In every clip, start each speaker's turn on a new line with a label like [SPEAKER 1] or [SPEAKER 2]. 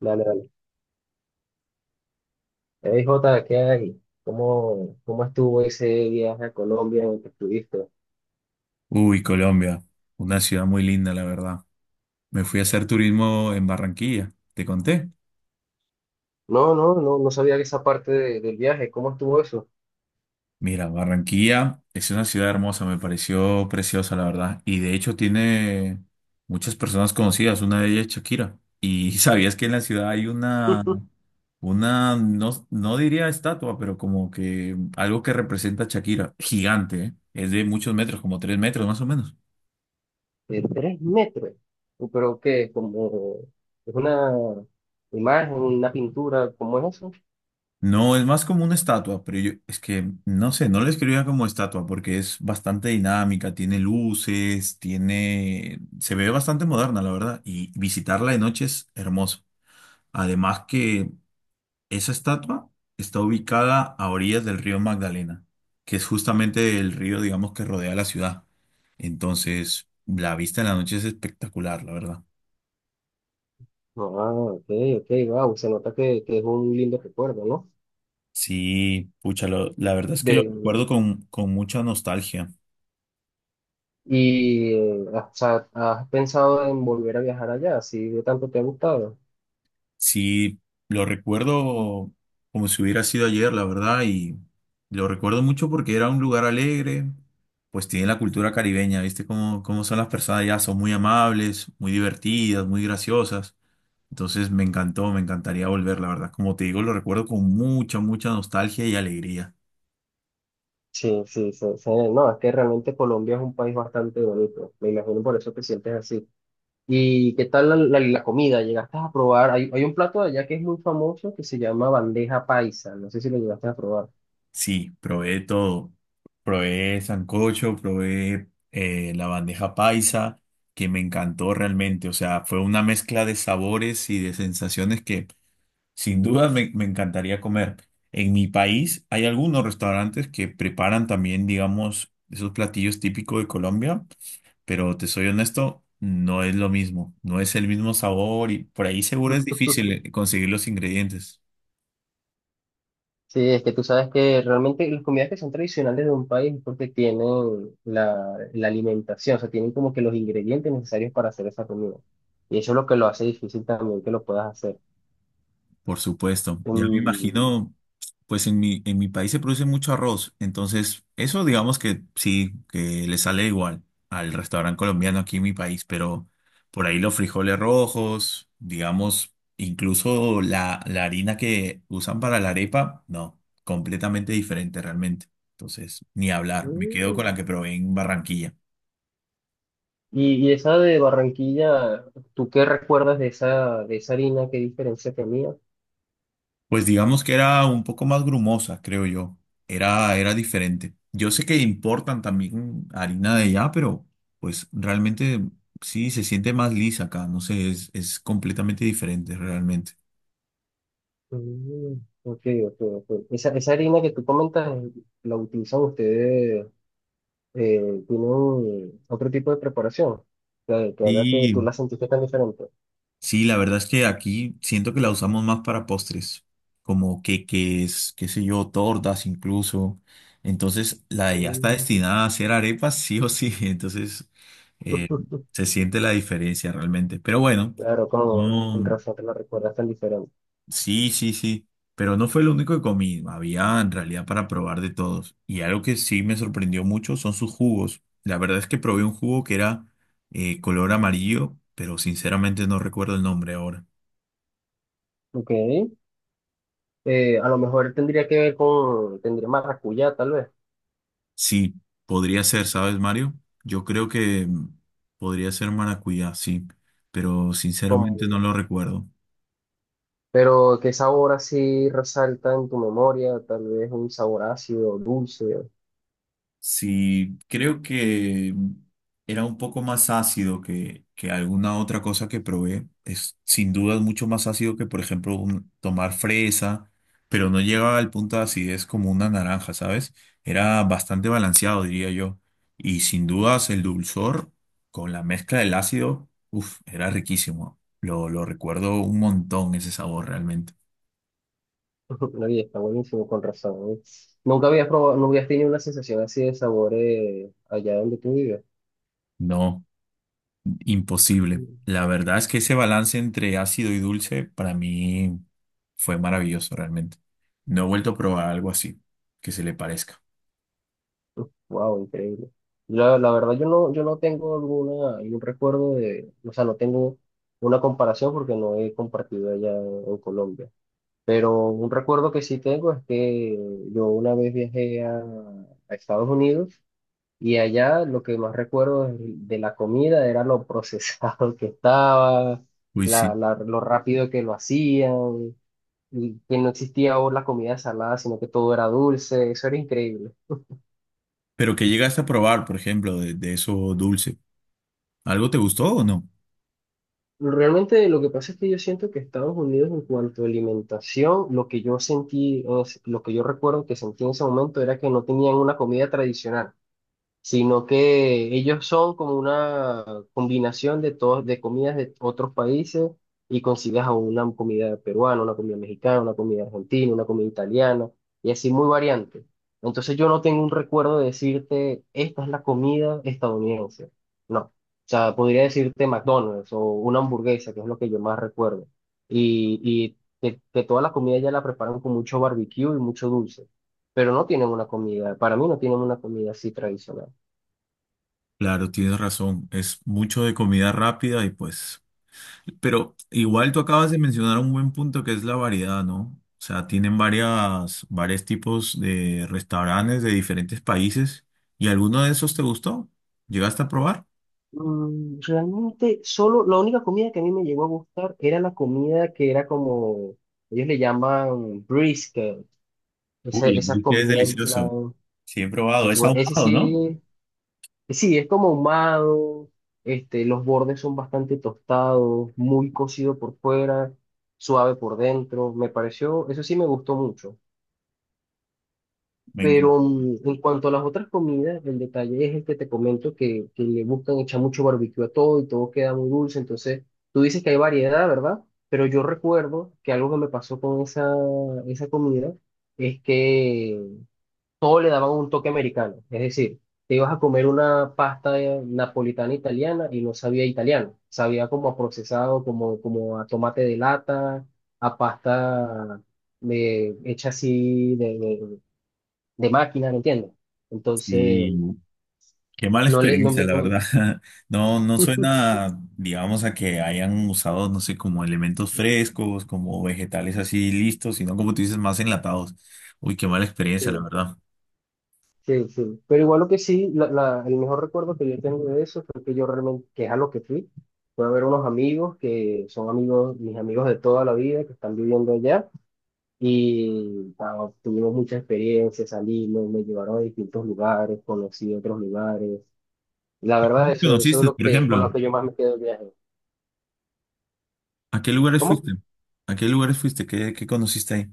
[SPEAKER 1] Dale, dale. Ey, Jota, ¿qué hay? ¿Cómo estuvo ese viaje a Colombia en el que estuviste?
[SPEAKER 2] Uy, Colombia, una ciudad muy linda, la verdad. Me fui a hacer turismo en Barranquilla, te conté.
[SPEAKER 1] No, no sabía que esa parte del viaje, ¿cómo estuvo eso?
[SPEAKER 2] Mira, Barranquilla es una ciudad hermosa, me pareció preciosa, la verdad. Y de hecho tiene muchas personas conocidas, una de ellas es Shakira. Y sabías que en la ciudad hay una, no, no diría estatua, pero como que algo que representa a Shakira, gigante, ¿eh? Es de muchos metros, como 3 metros más o menos.
[SPEAKER 1] De tres metros. ¿Pero qué? Como es una imagen, una pintura, ¿cómo es eso?
[SPEAKER 2] No, es más como una estatua, pero yo es que no sé, no la escribía como estatua porque es bastante dinámica, tiene luces, tiene, se ve bastante moderna, la verdad, y visitarla de noche es hermoso. Además que esa estatua está ubicada a orillas del río Magdalena, que es justamente el río, digamos, que rodea la ciudad. Entonces, la vista en la noche es espectacular, la verdad.
[SPEAKER 1] No, ah, ok, ok, wow, se nota que es un lindo recuerdo, ¿no?
[SPEAKER 2] Sí, pucha, la verdad es que lo
[SPEAKER 1] De,
[SPEAKER 2] recuerdo con mucha nostalgia.
[SPEAKER 1] o sea, ¿has pensado en volver a viajar allá? Si de tanto te ha gustado.
[SPEAKER 2] Sí, lo recuerdo como si hubiera sido ayer, la verdad, y lo recuerdo mucho porque era un lugar alegre, pues tiene la cultura caribeña, ¿viste? Cómo, cómo son las personas allá, son muy amables, muy divertidas, muy graciosas. Entonces me encantó, me encantaría volver, la verdad. Como te digo, lo recuerdo con mucha, mucha nostalgia y alegría.
[SPEAKER 1] Sí, sí, sí, sí, no, es que realmente Colombia es un país bastante bonito, me imagino por eso te sientes así. ¿Y qué tal la comida? ¿Llegaste a probar? Hay un plato de allá que es muy famoso que se llama bandeja paisa, no sé si lo llegaste a probar.
[SPEAKER 2] Sí, probé de todo. Probé sancocho, probé la bandeja paisa, que me encantó realmente. O sea, fue una mezcla de sabores y de sensaciones que sin duda me, me encantaría comer. En mi país hay algunos restaurantes que preparan también, digamos, esos platillos típicos de Colombia, pero te soy honesto, no es lo mismo. No es el mismo sabor y por ahí seguro es difícil conseguir los ingredientes.
[SPEAKER 1] Sí, es que tú sabes que realmente las comidas que son tradicionales de un país es porque tienen la alimentación, o sea, tienen como que los ingredientes necesarios para hacer esa comida. Y eso es lo que lo hace difícil también que lo puedas hacer.
[SPEAKER 2] Por supuesto. Ya me
[SPEAKER 1] Mm,
[SPEAKER 2] imagino, pues en mi país se produce mucho arroz, entonces eso digamos que sí, que le sale igual al restaurante colombiano aquí en mi país, pero por ahí los frijoles rojos, digamos, incluso la, la harina que usan para la arepa, no, completamente diferente realmente. Entonces, ni hablar, me quedo con la
[SPEAKER 1] mm.
[SPEAKER 2] que probé en Barranquilla.
[SPEAKER 1] Y esa de Barranquilla, ¿tú qué recuerdas de esa harina? ¿Qué diferencia tenía?
[SPEAKER 2] Pues digamos que era un poco más grumosa, creo yo. Era, era diferente. Yo sé que importan también harina de allá, pero pues realmente sí se siente más lisa acá. No sé, es completamente diferente realmente.
[SPEAKER 1] Mm, ok, ok, ok. Esa harina que tú comentas, ¿la utilizan ustedes? Eh, ¿Tienen otro tipo de preparación? Que haga que tú
[SPEAKER 2] Sí.
[SPEAKER 1] la sentiste tan diferente.
[SPEAKER 2] Sí, la verdad es que aquí siento que la usamos más para postres, como queques, qué sé yo, tortas incluso. Entonces, la de ya está
[SPEAKER 1] Mm,
[SPEAKER 2] destinada a hacer arepas, sí o sí. Entonces, eh, se siente la diferencia realmente. Pero bueno,
[SPEAKER 1] claro, como con
[SPEAKER 2] no,
[SPEAKER 1] razón te la recuerdas tan diferente.
[SPEAKER 2] sí, sí, sí. Pero no fue lo único que comí. Había en realidad para probar de todos. Y algo que sí me sorprendió mucho son sus jugos. La verdad es que probé un jugo que era color amarillo, pero sinceramente no recuerdo el nombre ahora.
[SPEAKER 1] Ok. A lo mejor tendría que ver con, tendría maracuyá, tal vez.
[SPEAKER 2] Sí, podría ser, ¿sabes, Mario? Yo creo que mm, podría ser maracuyá, sí, pero sinceramente no lo recuerdo.
[SPEAKER 1] Pero, ¿qué sabor así resalta en tu memoria? Tal vez un sabor ácido, dulce.
[SPEAKER 2] Sí, creo que era un poco más ácido que alguna otra cosa que probé. Es sin duda mucho más ácido que, por ejemplo, tomar fresa, pero no llegaba al punto de acidez como una naranja, ¿sabes? Era bastante balanceado, diría yo. Y sin dudas el dulzor con la mezcla del ácido, uff, era riquísimo. Lo recuerdo un montón ese sabor realmente.
[SPEAKER 1] Nadie está buenísimo, con razón. ¿Eh? Nunca habías probado, nunca habías tenido una sensación así de sabor allá donde tú vives.
[SPEAKER 2] No. Imposible. La verdad es que ese balance entre ácido y dulce para mí fue maravilloso realmente. No he vuelto a probar algo así que se le parezca.
[SPEAKER 1] Wow, increíble. La verdad, yo no, yo no tengo alguna, algún recuerdo de, o sea, no tengo una comparación porque no he compartido allá en Colombia. Pero un recuerdo que sí tengo es que yo una vez viajé a Estados Unidos. Y allá lo que más recuerdo de la comida era lo procesado que estaba,
[SPEAKER 2] Uy, sí.
[SPEAKER 1] lo rápido que lo hacían, y que no existía ahora la comida salada, sino que todo era dulce, eso era increíble.
[SPEAKER 2] ¿Pero que llegaste a probar, por ejemplo, de eso dulce? ¿Algo te gustó o no?
[SPEAKER 1] Realmente lo que pasa es que yo siento que Estados Unidos en cuanto a alimentación, lo que yo sentí, lo que yo recuerdo que sentí en ese momento era que no tenían una comida tradicional, sino que ellos son como una combinación de todos, de comidas de otros países, y consigues a una comida peruana, una comida mexicana, una comida argentina, una comida italiana, y así muy variante. Entonces yo no tengo un recuerdo de decirte, esta es la comida estadounidense. No. O sea, podría decirte McDonald's o una hamburguesa, que es lo que yo más recuerdo. Y que toda la comida ya la preparan con mucho barbecue y mucho dulce. Pero no tienen una comida, para mí no tienen una comida así tradicional.
[SPEAKER 2] Claro, tienes razón. Es mucho de comida rápida y pues, pero igual tú acabas de mencionar un buen punto que es la variedad, ¿no? O sea, tienen varias, varios tipos de restaurantes de diferentes países. ¿Y alguno de esos te gustó? ¿Llegaste a probar?
[SPEAKER 1] Mm, realmente, solo la única comida que a mí me llegó a gustar era la comida que era como, ellos le llaman brisket, esa,
[SPEAKER 2] Uy, el
[SPEAKER 1] esa
[SPEAKER 2] brisket es
[SPEAKER 1] comida en
[SPEAKER 2] delicioso.
[SPEAKER 1] plan,
[SPEAKER 2] Sí, he probado. Es
[SPEAKER 1] ese
[SPEAKER 2] ahumado, ¿no?
[SPEAKER 1] sí, sí, es como ahumado, este, los bordes son bastante tostados, muy cocido por fuera, suave por dentro, me pareció, eso sí me gustó mucho.
[SPEAKER 2] Venga.
[SPEAKER 1] Pero mm, en cuanto a las otras comidas, el detalle es el que te comento que le buscan echar mucho barbecue a todo y todo queda muy dulce. Entonces, tú dices que hay variedad, ¿verdad? Pero yo recuerdo que algo que me pasó con esa comida es que todo le daban un toque americano. Es decir, te ibas a comer una pasta napolitana italiana y no sabía italiano. Sabía como a procesado, como, como a tomate de lata, a pasta hecha así de máquina, ¿me entiendes? Entonces,
[SPEAKER 2] Sí, qué mala
[SPEAKER 1] no le, no,
[SPEAKER 2] experiencia,
[SPEAKER 1] me-
[SPEAKER 2] la
[SPEAKER 1] no-
[SPEAKER 2] verdad. No, no suena, digamos, a que hayan usado, no sé, como elementos frescos, como vegetales así listos, sino como tú dices, más enlatados. Uy, qué mala experiencia, la
[SPEAKER 1] sí,
[SPEAKER 2] verdad.
[SPEAKER 1] sí, sí. Pero igual lo que sí, el mejor recuerdo que yo tengo de eso fue que yo realmente, que es a lo que fui, fue a ver unos amigos que son amigos, mis amigos de toda la vida, que están viviendo allá, y ah, tuvimos muchas experiencias, salimos, me llevaron a distintos lugares, conocí otros lugares. La
[SPEAKER 2] ¿Qué
[SPEAKER 1] verdad, eso es
[SPEAKER 2] conociste,
[SPEAKER 1] lo
[SPEAKER 2] por
[SPEAKER 1] que, con lo
[SPEAKER 2] ejemplo?
[SPEAKER 1] que yo más me quedo del viaje.
[SPEAKER 2] ¿A qué lugares
[SPEAKER 1] ¿Cómo?
[SPEAKER 2] fuiste? ¿A qué lugares fuiste? ¿Qué, qué conociste ahí?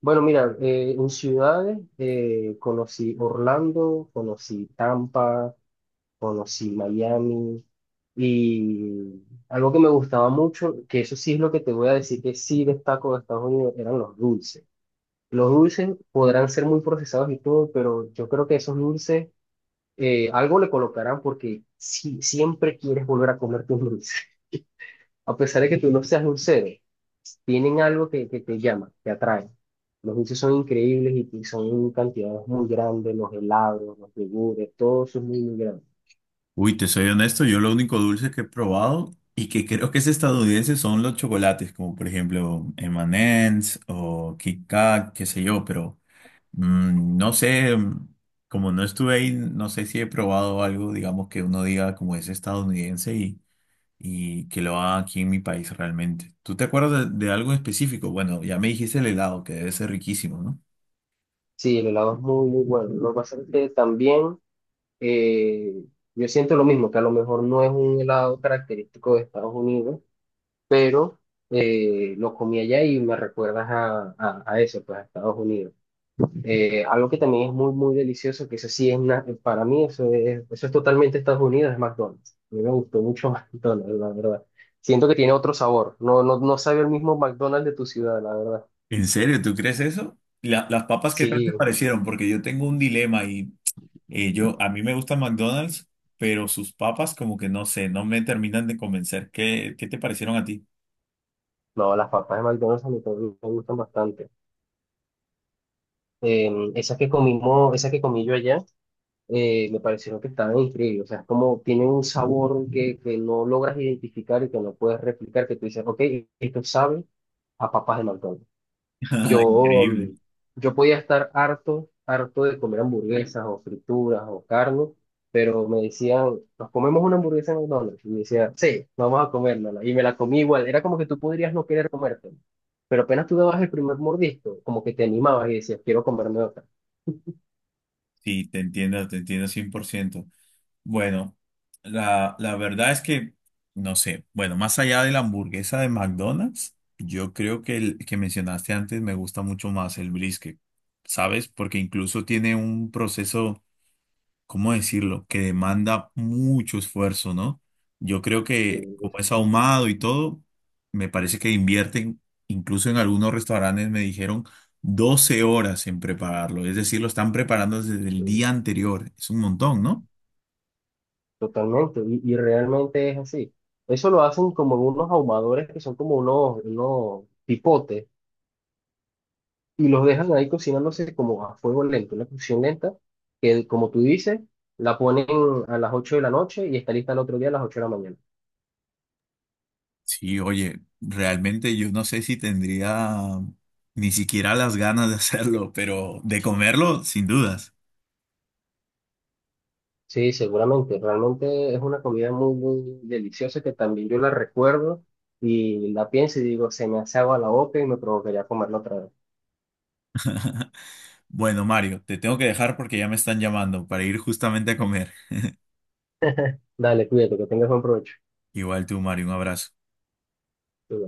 [SPEAKER 1] Bueno, mira, en ciudades conocí Orlando, conocí Tampa, conocí Miami, y algo que me gustaba mucho, que eso sí es lo que te voy a decir que sí destaco de Estados Unidos, eran los dulces. Los dulces podrán ser muy procesados y todo, pero yo creo que esos dulces algo le colocarán porque sí, siempre quieres volver a comerte un dulce a pesar de que tú no seas dulcero, tienen algo que te llama, te atrae. Los dulces son increíbles y son en cantidades muy grandes, los helados, los yogures, todo eso es muy, muy grande.
[SPEAKER 2] Uy, te soy honesto, yo lo único dulce que he probado y que creo que es estadounidense son los chocolates, como por ejemplo M&M's o Kit Kat, qué sé yo, pero mm, no sé, mm, como no estuve ahí, no sé si he probado algo, digamos, que uno diga como es estadounidense y que lo haga aquí en mi país realmente. ¿Tú te acuerdas de algo específico? Bueno, ya me dijiste el helado, que debe ser riquísimo, ¿no?
[SPEAKER 1] Sí, el helado es muy, muy bueno. Lo que pasa es que también eh, yo siento lo mismo, que a lo mejor no es un helado característico de Estados Unidos, pero lo comí allá y me recuerdas a eso, pues a Estados Unidos. Algo que también es muy, muy delicioso, que eso sí es una, para mí eso es totalmente Estados Unidos, es McDonald's. A mí me gustó mucho McDonald's, la verdad. Siento que tiene otro sabor. No, no, no sabe el mismo McDonald's de tu ciudad, la verdad.
[SPEAKER 2] ¿En serio? ¿Tú crees eso? ¿Las papas qué tal te
[SPEAKER 1] Sí,
[SPEAKER 2] parecieron? Porque yo tengo un dilema y a mí me gusta McDonald's, pero sus papas como que no sé, no me terminan de convencer. ¿Qué, qué te parecieron a ti?
[SPEAKER 1] no, las papas de McDonald's a mí también me gustan bastante. Esas que comimos, esas que comí yo allá, me parecieron que estaban increíbles. O sea, es como tienen un sabor que no logras identificar y que no puedes replicar, que tú dices, ok, esto sabe a papas de McDonald's.
[SPEAKER 2] Ah,
[SPEAKER 1] Yo, mm,
[SPEAKER 2] increíble.
[SPEAKER 1] yo podía estar harto, harto de comer hamburguesas o frituras o carne, pero me decían, nos comemos una hamburguesa en McDonald's. Y me decía, sí, vamos a comérnosla. Y me la comí igual. Era como que tú podrías no querer comértela. Pero apenas tú dabas el primer mordisco, como que te animabas y decías, quiero comerme otra.
[SPEAKER 2] Sí, te entiendo 100%. Bueno, la verdad es que, no sé, bueno, más allá de la hamburguesa de McDonald's, yo creo que el que mencionaste antes, me gusta mucho más el brisket, ¿sabes? Porque incluso tiene un proceso, ¿cómo decirlo? Que demanda mucho esfuerzo, ¿no? Yo creo
[SPEAKER 1] Sí,
[SPEAKER 2] que como es ahumado y todo, me parece que invierten, incluso en algunos restaurantes me dijeron 12 horas en prepararlo, es decir, lo están preparando desde el
[SPEAKER 1] sí,
[SPEAKER 2] día anterior, es un montón, ¿no?
[SPEAKER 1] totalmente. Y realmente es así. Eso lo hacen como en unos ahumadores que son como unos, unos pipotes y los dejan ahí cocinándose como a fuego lento, una cocción lenta, que como tú dices, la ponen a las 8 de la noche y está lista el otro día a las 8 de la mañana.
[SPEAKER 2] Sí, oye, realmente yo no sé si tendría ni siquiera las ganas de hacerlo, pero de comerlo, sin dudas.
[SPEAKER 1] Sí, seguramente, realmente es una comida muy, muy deliciosa que también yo la recuerdo y la pienso y digo, se me hace agua la boca y me provocaría comerla otra vez.
[SPEAKER 2] Bueno, Mario, te tengo que dejar porque ya me están llamando para ir justamente a comer.
[SPEAKER 1] Dale, cuídate, que tengas buen provecho.
[SPEAKER 2] Igual tú, Mario, un abrazo.